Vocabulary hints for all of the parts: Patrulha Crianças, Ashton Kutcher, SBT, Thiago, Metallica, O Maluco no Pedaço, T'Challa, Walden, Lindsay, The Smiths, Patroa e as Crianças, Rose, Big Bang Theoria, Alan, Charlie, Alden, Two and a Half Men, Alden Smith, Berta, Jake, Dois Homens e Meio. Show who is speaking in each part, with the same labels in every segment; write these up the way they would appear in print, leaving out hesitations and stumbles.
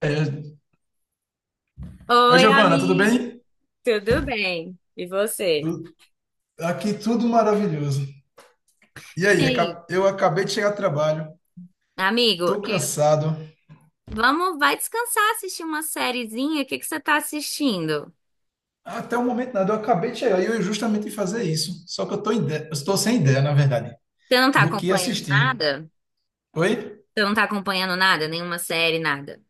Speaker 1: É... Oi,
Speaker 2: Oi,
Speaker 1: Giovana, tudo
Speaker 2: amigo.
Speaker 1: bem?
Speaker 2: Tudo bem? E você?
Speaker 1: Tu- Aqui tudo maravilhoso. E aí,
Speaker 2: Ei,
Speaker 1: eu acabei de chegar do trabalho,
Speaker 2: amigo,
Speaker 1: tô cansado.
Speaker 2: vamos, vai descansar, assistir uma sériezinha. O que que você tá assistindo?
Speaker 1: Até o momento nada, eu acabei de chegar e eu ia justamente fazer isso. Só que eu tô sem ideia, na verdade,
Speaker 2: Você não tá
Speaker 1: do que
Speaker 2: acompanhando
Speaker 1: assistir.
Speaker 2: nada?
Speaker 1: Oi?
Speaker 2: Você não tá acompanhando nada? Nenhuma série, nada?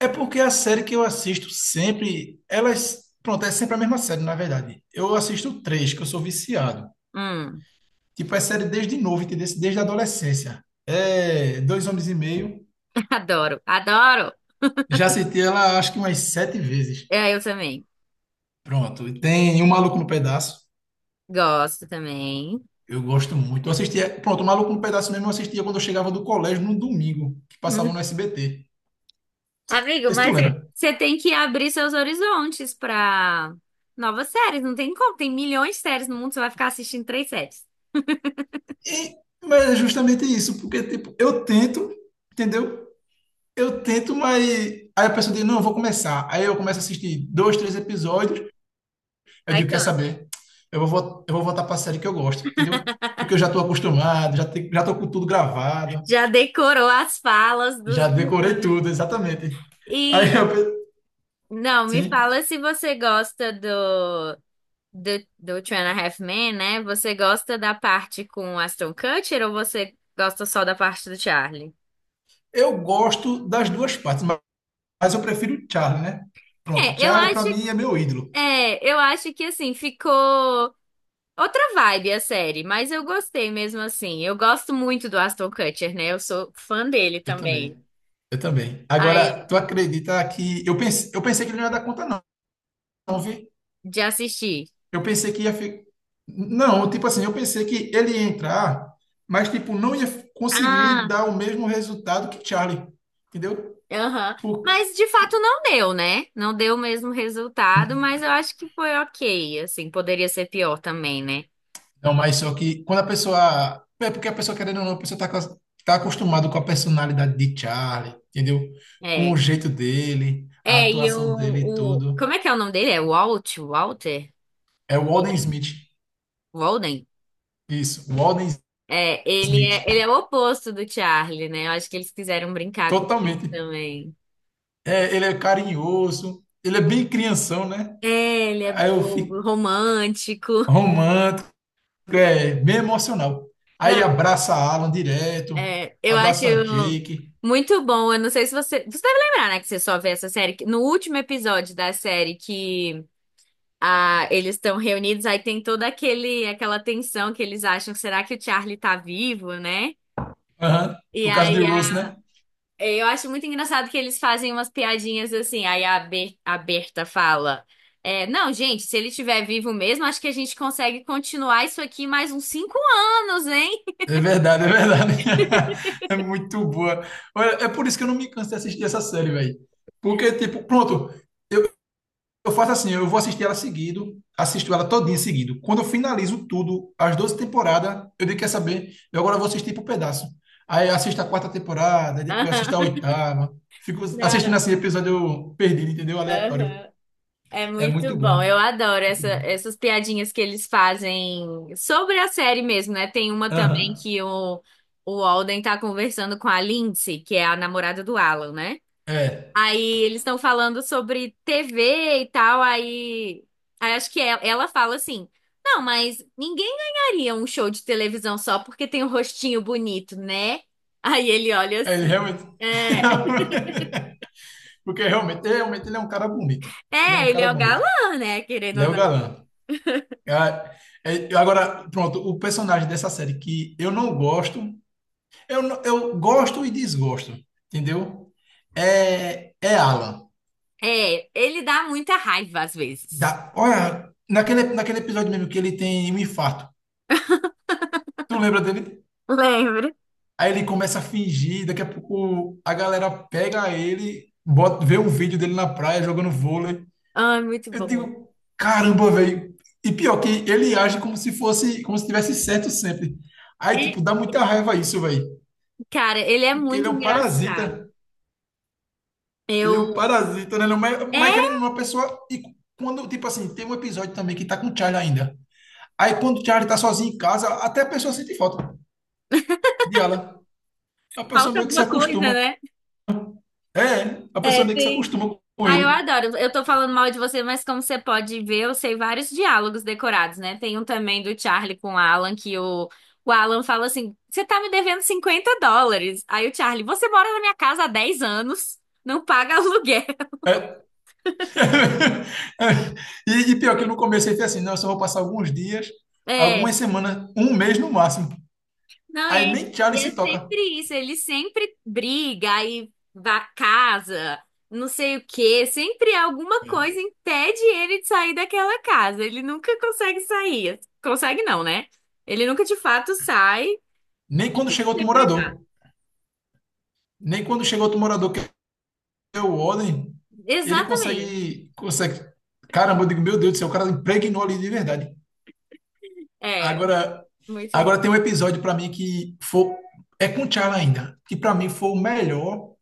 Speaker 1: É porque a série que eu assisto sempre, elas, pronto, é sempre a mesma série, na verdade. Eu assisto três, que eu sou viciado.
Speaker 2: Hum.
Speaker 1: Tipo, é série desde novo, entendeu? Desde a adolescência. É Dois Homens e Meio.
Speaker 2: Adoro, adoro.
Speaker 1: Já assisti ela acho que umas sete vezes.
Speaker 2: É, eu também.
Speaker 1: Pronto, e tem O Maluco no Pedaço.
Speaker 2: Gosto também.
Speaker 1: Eu gosto muito. Eu assistia, pronto, O Maluco no Pedaço mesmo eu assistia quando eu chegava do colégio no domingo, que passava no
Speaker 2: Hum.
Speaker 1: SBT.
Speaker 2: Amigo,
Speaker 1: Não sei se tu
Speaker 2: mas você
Speaker 1: lembra.
Speaker 2: você tem que abrir seus horizontes pra novas séries. Não tem como, tem milhões de séries no mundo, você vai ficar assistindo três séries.
Speaker 1: E- mas é justamente isso, porque tipo, eu tento, entendeu? Eu tento, mas aí a pessoa diz, não, eu vou começar. Aí eu começo a assistir dois, três episódios, eu
Speaker 2: Aí
Speaker 1: digo, quer saber? Eu vou voltar para a série que eu gosto, entendeu? Porque eu já estou acostumado, já, te, já tô com tudo gravado,
Speaker 2: já decorou as falas dos
Speaker 1: já decorei
Speaker 2: personagens.
Speaker 1: tudo, exatamente.
Speaker 2: E
Speaker 1: Aí eu,
Speaker 2: não, me
Speaker 1: sim.
Speaker 2: fala se você gosta do do Two and a Half Men, né? Você gosta da parte com o Aston Kutcher ou você gosta só da parte do Charlie?
Speaker 1: Eu gosto das duas partes, mas eu prefiro o Charlie, né? Pronto, o
Speaker 2: É, eu
Speaker 1: Charlie para
Speaker 2: acho,
Speaker 1: mim é meu ídolo.
Speaker 2: é, eu acho que assim ficou outra vibe a série, mas eu gostei mesmo assim. Eu gosto muito do Aston Kutcher, né? Eu sou fã dele
Speaker 1: Eu
Speaker 2: também.
Speaker 1: também. Eu também. Agora,
Speaker 2: Aí,
Speaker 1: tu acredita que eu pensei que ele não ia dar conta não, não, vi?
Speaker 2: de assistir.
Speaker 1: Eu pensei que ia ficar. Não, tipo assim, eu pensei que ele ia entrar, mas tipo não ia conseguir dar o mesmo resultado que Charlie. Entendeu?
Speaker 2: Aham.
Speaker 1: Por...
Speaker 2: Mas de fato não deu, né? Não deu o mesmo resultado, mas eu acho que foi ok. Assim, poderia ser pior também, né?
Speaker 1: Não, mas só que quando a pessoa. É porque a pessoa, querendo ou não, a pessoa tá, tá acostumada com a personalidade de Charlie, entendeu? Com o
Speaker 2: É.
Speaker 1: jeito dele, a
Speaker 2: É, e
Speaker 1: atuação dele e
Speaker 2: o, o...
Speaker 1: tudo.
Speaker 2: Como é que é o nome dele? É Walt? Walter?
Speaker 1: É o Alden
Speaker 2: Walden.
Speaker 1: Smith.
Speaker 2: Walden?
Speaker 1: Isso, o Alden
Speaker 2: É,
Speaker 1: Smith.
Speaker 2: ele é o oposto do Charlie, né? Eu acho que eles quiseram brincar com isso
Speaker 1: Totalmente.
Speaker 2: também.
Speaker 1: É, ele é carinhoso, ele é bem crianção, né?
Speaker 2: É, ele é
Speaker 1: Aí eu
Speaker 2: bobo,
Speaker 1: fico
Speaker 2: romântico.
Speaker 1: romântico, é bem emocional. Aí
Speaker 2: Não,
Speaker 1: abraça a Alan direto,
Speaker 2: é, eu acho
Speaker 1: abraça a Jake,
Speaker 2: muito bom. Eu não sei se você. Você deve lembrar, né, que você só vê essa série. Que No último episódio da série que eles estão reunidos, aí tem toda aquela tensão que eles acham, será que o Charlie tá vivo, né?
Speaker 1: aham,
Speaker 2: E
Speaker 1: por causa de
Speaker 2: aí
Speaker 1: Rose,
Speaker 2: a.
Speaker 1: né?
Speaker 2: Eu acho muito engraçado que eles fazem umas piadinhas assim. Aí a Berta fala: é, não, gente, se ele estiver vivo mesmo, acho que a gente consegue continuar isso aqui mais uns 5 anos, hein?
Speaker 1: É verdade, é verdade. É muito boa. Olha, é por isso que eu não me canso de assistir essa série, velho. Porque, tipo, pronto, eu faço assim, eu vou assistir ela seguido, assisto ela todinha seguido. Quando eu finalizo tudo, as 12 temporadas, eu digo, quer saber, eu agora vou assistir por pedaço. Aí eu assisto a quarta temporada, aí depois assisto a oitava. Fico assistindo
Speaker 2: Não,
Speaker 1: assim, episódio perdido, entendeu? Aleatório.
Speaker 2: aham. É
Speaker 1: É
Speaker 2: muito
Speaker 1: muito
Speaker 2: bom,
Speaker 1: bom.
Speaker 2: eu adoro
Speaker 1: Muito bom.
Speaker 2: essas piadinhas que eles fazem sobre a série mesmo, né? Tem uma também
Speaker 1: Aham.
Speaker 2: que o Alden tá conversando com a Lindsay, que é a namorada do Alan, né?
Speaker 1: É.
Speaker 2: Aí eles estão falando sobre TV e tal, aí acho que ela fala assim: não, mas ninguém ganharia um show de televisão só porque tem um rostinho bonito, né? Aí ele olha
Speaker 1: É, ele
Speaker 2: assim:
Speaker 1: realmente.
Speaker 2: é,
Speaker 1: Porque realmente, realmente ele é um cara bonito. Ele é um
Speaker 2: é, ele
Speaker 1: cara
Speaker 2: é o
Speaker 1: bonito.
Speaker 2: galã, né? Querendo
Speaker 1: Ele é
Speaker 2: ou
Speaker 1: o
Speaker 2: não.
Speaker 1: galã. Ah, é, agora, pronto, o personagem dessa série que eu não gosto, eu, eu gosto e desgosto, entendeu? É, é Alan.
Speaker 2: É, ele dá muita raiva às vezes.
Speaker 1: Da, olha, naquele episódio mesmo que ele tem um infarto. Tu lembra dele?
Speaker 2: Lembro.
Speaker 1: Aí ele começa a fingir, daqui a pouco a galera pega ele, bota, vê um vídeo dele na praia jogando vôlei.
Speaker 2: Ai, muito
Speaker 1: Eu
Speaker 2: bom.
Speaker 1: digo, caramba, velho. E pior que ele age como se fosse, como se tivesse certo sempre. Aí,
Speaker 2: É,
Speaker 1: tipo, dá muita raiva isso, velho.
Speaker 2: cara, ele é
Speaker 1: Porque ele
Speaker 2: muito
Speaker 1: é um
Speaker 2: engraçado.
Speaker 1: parasita. Ele é um
Speaker 2: Eu.
Speaker 1: parasita, né? Não, mas
Speaker 2: É,
Speaker 1: querendo uma pessoa. E quando, tipo assim, tem um episódio também que tá com o Charlie ainda. Aí, quando o Charlie tá sozinho em casa, até a pessoa sente falta de ela. A pessoa
Speaker 2: falta
Speaker 1: meio que se
Speaker 2: alguma coisa,
Speaker 1: acostuma.
Speaker 2: né?
Speaker 1: É, a pessoa
Speaker 2: É,
Speaker 1: meio que se
Speaker 2: tem.
Speaker 1: acostuma com
Speaker 2: Ah, eu
Speaker 1: ele.
Speaker 2: adoro. Eu tô falando mal de você, mas como você pode ver, eu sei vários diálogos decorados, né? Tem um também do Charlie com o Alan, que o Alan fala assim: você tá me devendo $50. Aí o Charlie, você mora na minha casa há 10 anos, não paga aluguel.
Speaker 1: É, e pior que no começo ele fez assim, não, eu só vou passar alguns dias,
Speaker 2: É.
Speaker 1: algumas semanas, um mês no máximo.
Speaker 2: Não,
Speaker 1: Aí nem Charlie
Speaker 2: e é
Speaker 1: se toca.
Speaker 2: sempre isso. Ele sempre briga, casa, não sei o quê. Sempre alguma coisa impede ele de sair daquela casa. Ele nunca consegue sair. Consegue não, né? Ele nunca de fato sai. É
Speaker 1: Nem quando
Speaker 2: tudo
Speaker 1: chega outro
Speaker 2: sempre errado.
Speaker 1: morador. Nem quando chega outro morador que é o Odin, ele
Speaker 2: Exatamente.
Speaker 1: consegue, consegue. Caramba, eu digo, meu Deus do céu, o cara impregnou ali de verdade.
Speaker 2: É,
Speaker 1: Agora,
Speaker 2: muito
Speaker 1: agora
Speaker 2: bom.
Speaker 1: tem um episódio para mim que foi, é com o T'Challa ainda, que para mim foi o melhor,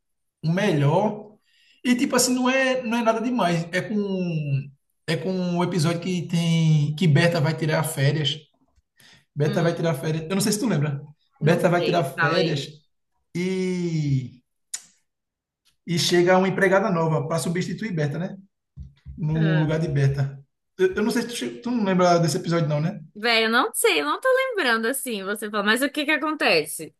Speaker 1: o melhor. E tipo assim, não é nada demais. É com um episódio que tem que Berta vai tirar férias. Berta vai
Speaker 2: Hum,
Speaker 1: tirar férias. Eu não sei se tu lembra.
Speaker 2: não
Speaker 1: Berta vai tirar
Speaker 2: sei, fala aí.
Speaker 1: férias e e chega uma empregada nova para substituir Berta, né? No
Speaker 2: Hum.
Speaker 1: lugar de Berta. Eu não sei se tu, tu não lembra desse episódio não, né?
Speaker 2: Velho, eu não sei, eu não tô lembrando assim, você fala, mas o que que acontece?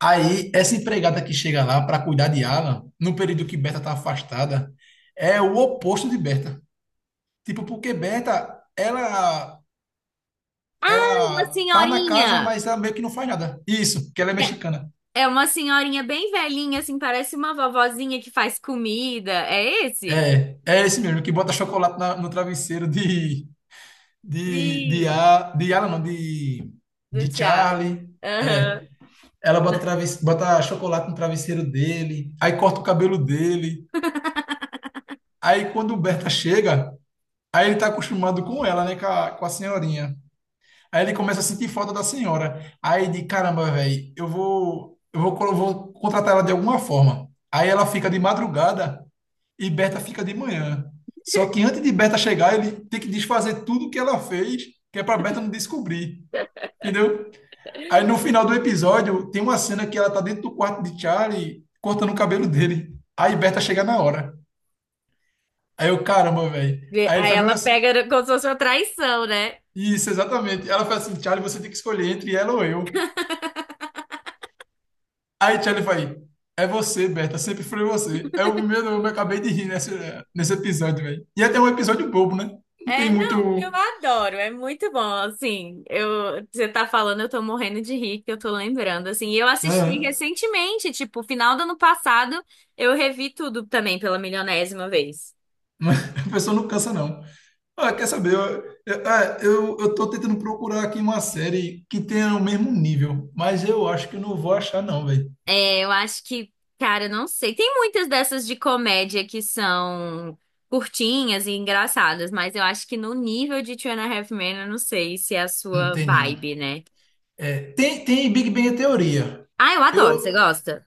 Speaker 1: Aí, essa empregada que chega lá para cuidar de Alan, no período que Berta tá afastada, é o oposto de Berta. Tipo, porque Berta, ela,
Speaker 2: Ah, uma
Speaker 1: ela tá na casa,
Speaker 2: senhorinha!
Speaker 1: mas ela meio que não faz nada. Isso, que ela é mexicana.
Speaker 2: É uma senhorinha bem velhinha, assim, parece uma vovozinha que faz comida. É esse?
Speaker 1: É, é esse mesmo, que bota chocolate no travesseiro de,
Speaker 2: Sim,
Speaker 1: De Alan, não,
Speaker 2: do
Speaker 1: de
Speaker 2: Thiago.
Speaker 1: Charlie.
Speaker 2: Aham.
Speaker 1: Ela bota, traves, bota chocolate no travesseiro dele, aí corta o cabelo dele. Aí, quando Berta chega. Aí ele tá acostumado com ela, né? Com a senhorinha. Aí ele começa a sentir falta da senhora. Aí de caramba, velho, eu vou, vou contratar ela de alguma forma. Aí ela fica de madrugada e Berta fica de manhã. Só que antes de Berta chegar, ele tem que desfazer tudo que ela fez, que é pra Berta não descobrir. Entendeu? Aí no final do episódio, tem uma cena que ela tá dentro do quarto de Charlie, cortando o cabelo dele. Aí Berta chega na hora. Aí eu, caramba, velho. Aí ele
Speaker 2: Aí
Speaker 1: faz mesmo
Speaker 2: ela
Speaker 1: assim,
Speaker 2: pega como se fosse uma traição, né?
Speaker 1: isso, exatamente. Ela fala assim, Charlie, você tem que escolher entre ela ou eu. Aí Charlie vai, é você, Berta, sempre foi você. É o primeiro, eu me acabei de rir nesse, nesse episódio, velho. E até é um episódio bobo, né? Não tem
Speaker 2: É,
Speaker 1: muito.
Speaker 2: não, eu adoro, é muito bom, assim, eu, você tá falando, eu tô morrendo de rir, que eu tô lembrando, assim, e eu assisti
Speaker 1: É,
Speaker 2: recentemente, tipo, final do ano passado, eu revi tudo também pela milionésima vez.
Speaker 1: mas a pessoa não cansa, não. Ah, quer saber? Eu tô tentando procurar aqui uma série que tenha o mesmo nível, mas eu acho que eu não vou achar, não, velho.
Speaker 2: É, eu acho que, cara, não sei. Tem muitas dessas de comédia que são curtinhas e engraçadas, mas eu acho que no nível de Two and a Half Men, eu não sei se é a
Speaker 1: Não
Speaker 2: sua
Speaker 1: tem, não.
Speaker 2: vibe, né?
Speaker 1: É, tem, tem Big Bang Theoria.
Speaker 2: Ah, eu adoro. Você
Speaker 1: Eu,
Speaker 2: gosta?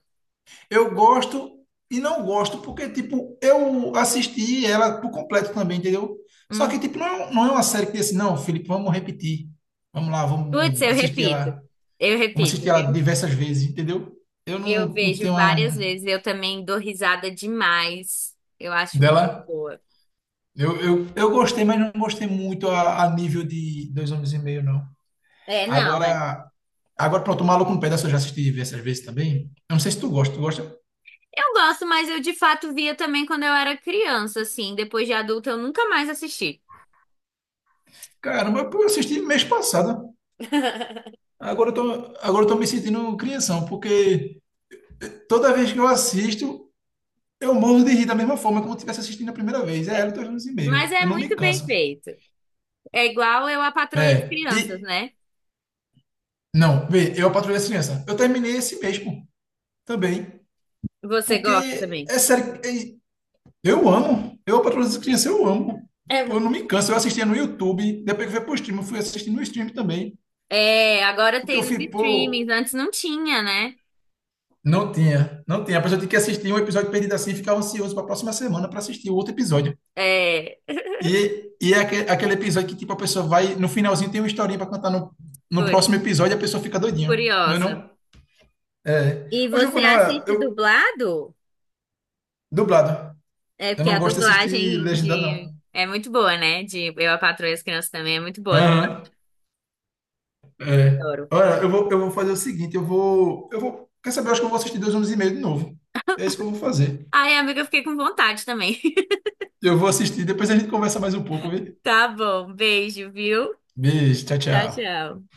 Speaker 1: Eu gosto e não gosto, porque, tipo, eu assisti ela por completo também, entendeu? Só que,
Speaker 2: Hum.
Speaker 1: tipo, não é, um, não é uma série que diz assim, não, Felipe, vamos repetir. Vamos lá,
Speaker 2: Putz,
Speaker 1: vamos
Speaker 2: eu
Speaker 1: assistir
Speaker 2: repito.
Speaker 1: ela.
Speaker 2: Eu
Speaker 1: Vamos
Speaker 2: repito,
Speaker 1: assistir ela
Speaker 2: viu?
Speaker 1: diversas vezes, entendeu? Eu
Speaker 2: Eu
Speaker 1: não, não
Speaker 2: vejo
Speaker 1: tenho
Speaker 2: várias
Speaker 1: um
Speaker 2: vezes. Eu também dou risada demais. Eu acho muito
Speaker 1: dela.
Speaker 2: boa.
Speaker 1: Eu gostei, mas não gostei muito a nível de Dois Homens e Meio, não.
Speaker 2: É, não, é.
Speaker 1: Agora, agora pronto, o Maluco no Pedaço eu já assisti diversas vezes também. Eu não sei se tu gosta, tu gosta?
Speaker 2: Eu gosto, mas eu de fato via também quando eu era criança, assim. Depois de adulta, eu nunca mais assisti.
Speaker 1: Caramba, eu assisti mês passado. Agora eu tô, agora eu tô me sentindo crianção, porque toda vez que eu assisto, eu morro de rir da mesma forma, como se estivesse assistindo a primeira vez. É ela, dois anos e meio.
Speaker 2: Mas é
Speaker 1: Eu não me
Speaker 2: muito bem
Speaker 1: canso.
Speaker 2: feito. É igual eu a Patroa e as
Speaker 1: É,
Speaker 2: Crianças,
Speaker 1: e.
Speaker 2: né?
Speaker 1: Não, vê, eu a Patrulha Crianças. Eu terminei esse mês, pô, também.
Speaker 2: Você
Speaker 1: Porque
Speaker 2: gosta também.
Speaker 1: é sério. Eu amo. Eu a Patrulha Crianças, eu amo.
Speaker 2: É,
Speaker 1: Pô, eu não me canso. Eu assistia no YouTube, depois que foi pro stream, eu fui assistindo no stream também.
Speaker 2: é, agora
Speaker 1: Porque eu
Speaker 2: tem nos
Speaker 1: fui, pô.
Speaker 2: streamings, antes não tinha, né?
Speaker 1: Não tinha, não tinha. A pessoa tinha que assistir um episódio perdido assim e ficava ansioso para a próxima semana para assistir o outro episódio.
Speaker 2: É,
Speaker 1: E é aquele episódio que, tipo, a pessoa vai. No finalzinho tem uma historinha pra contar no, no
Speaker 2: putz,
Speaker 1: próximo episódio e a pessoa fica doidinha. Não é
Speaker 2: curiosa.
Speaker 1: não? É.
Speaker 2: E
Speaker 1: Ô,
Speaker 2: você
Speaker 1: Giovanna, olha,
Speaker 2: assiste
Speaker 1: eu.
Speaker 2: dublado?
Speaker 1: Dublado.
Speaker 2: É
Speaker 1: Eu
Speaker 2: porque
Speaker 1: não
Speaker 2: a
Speaker 1: gosto de assistir
Speaker 2: dublagem
Speaker 1: legendado,
Speaker 2: de
Speaker 1: não.
Speaker 2: é muito boa, né? De Eu, a Patroa e as Crianças também é muito boa, do
Speaker 1: Aham. É.
Speaker 2: adoro.
Speaker 1: Olha, eu vou fazer o seguinte, eu vou. Eu vou. Quer saber? Eu acho que eu vou assistir dois anos e meio de novo. É isso que eu vou fazer.
Speaker 2: Ai, amiga, eu fiquei com vontade também.
Speaker 1: Eu vou assistir, depois a gente conversa mais um pouco, viu?
Speaker 2: Tá bom, beijo, viu?
Speaker 1: Beijo, tchau,
Speaker 2: Tchau,
Speaker 1: tchau.
Speaker 2: tchau.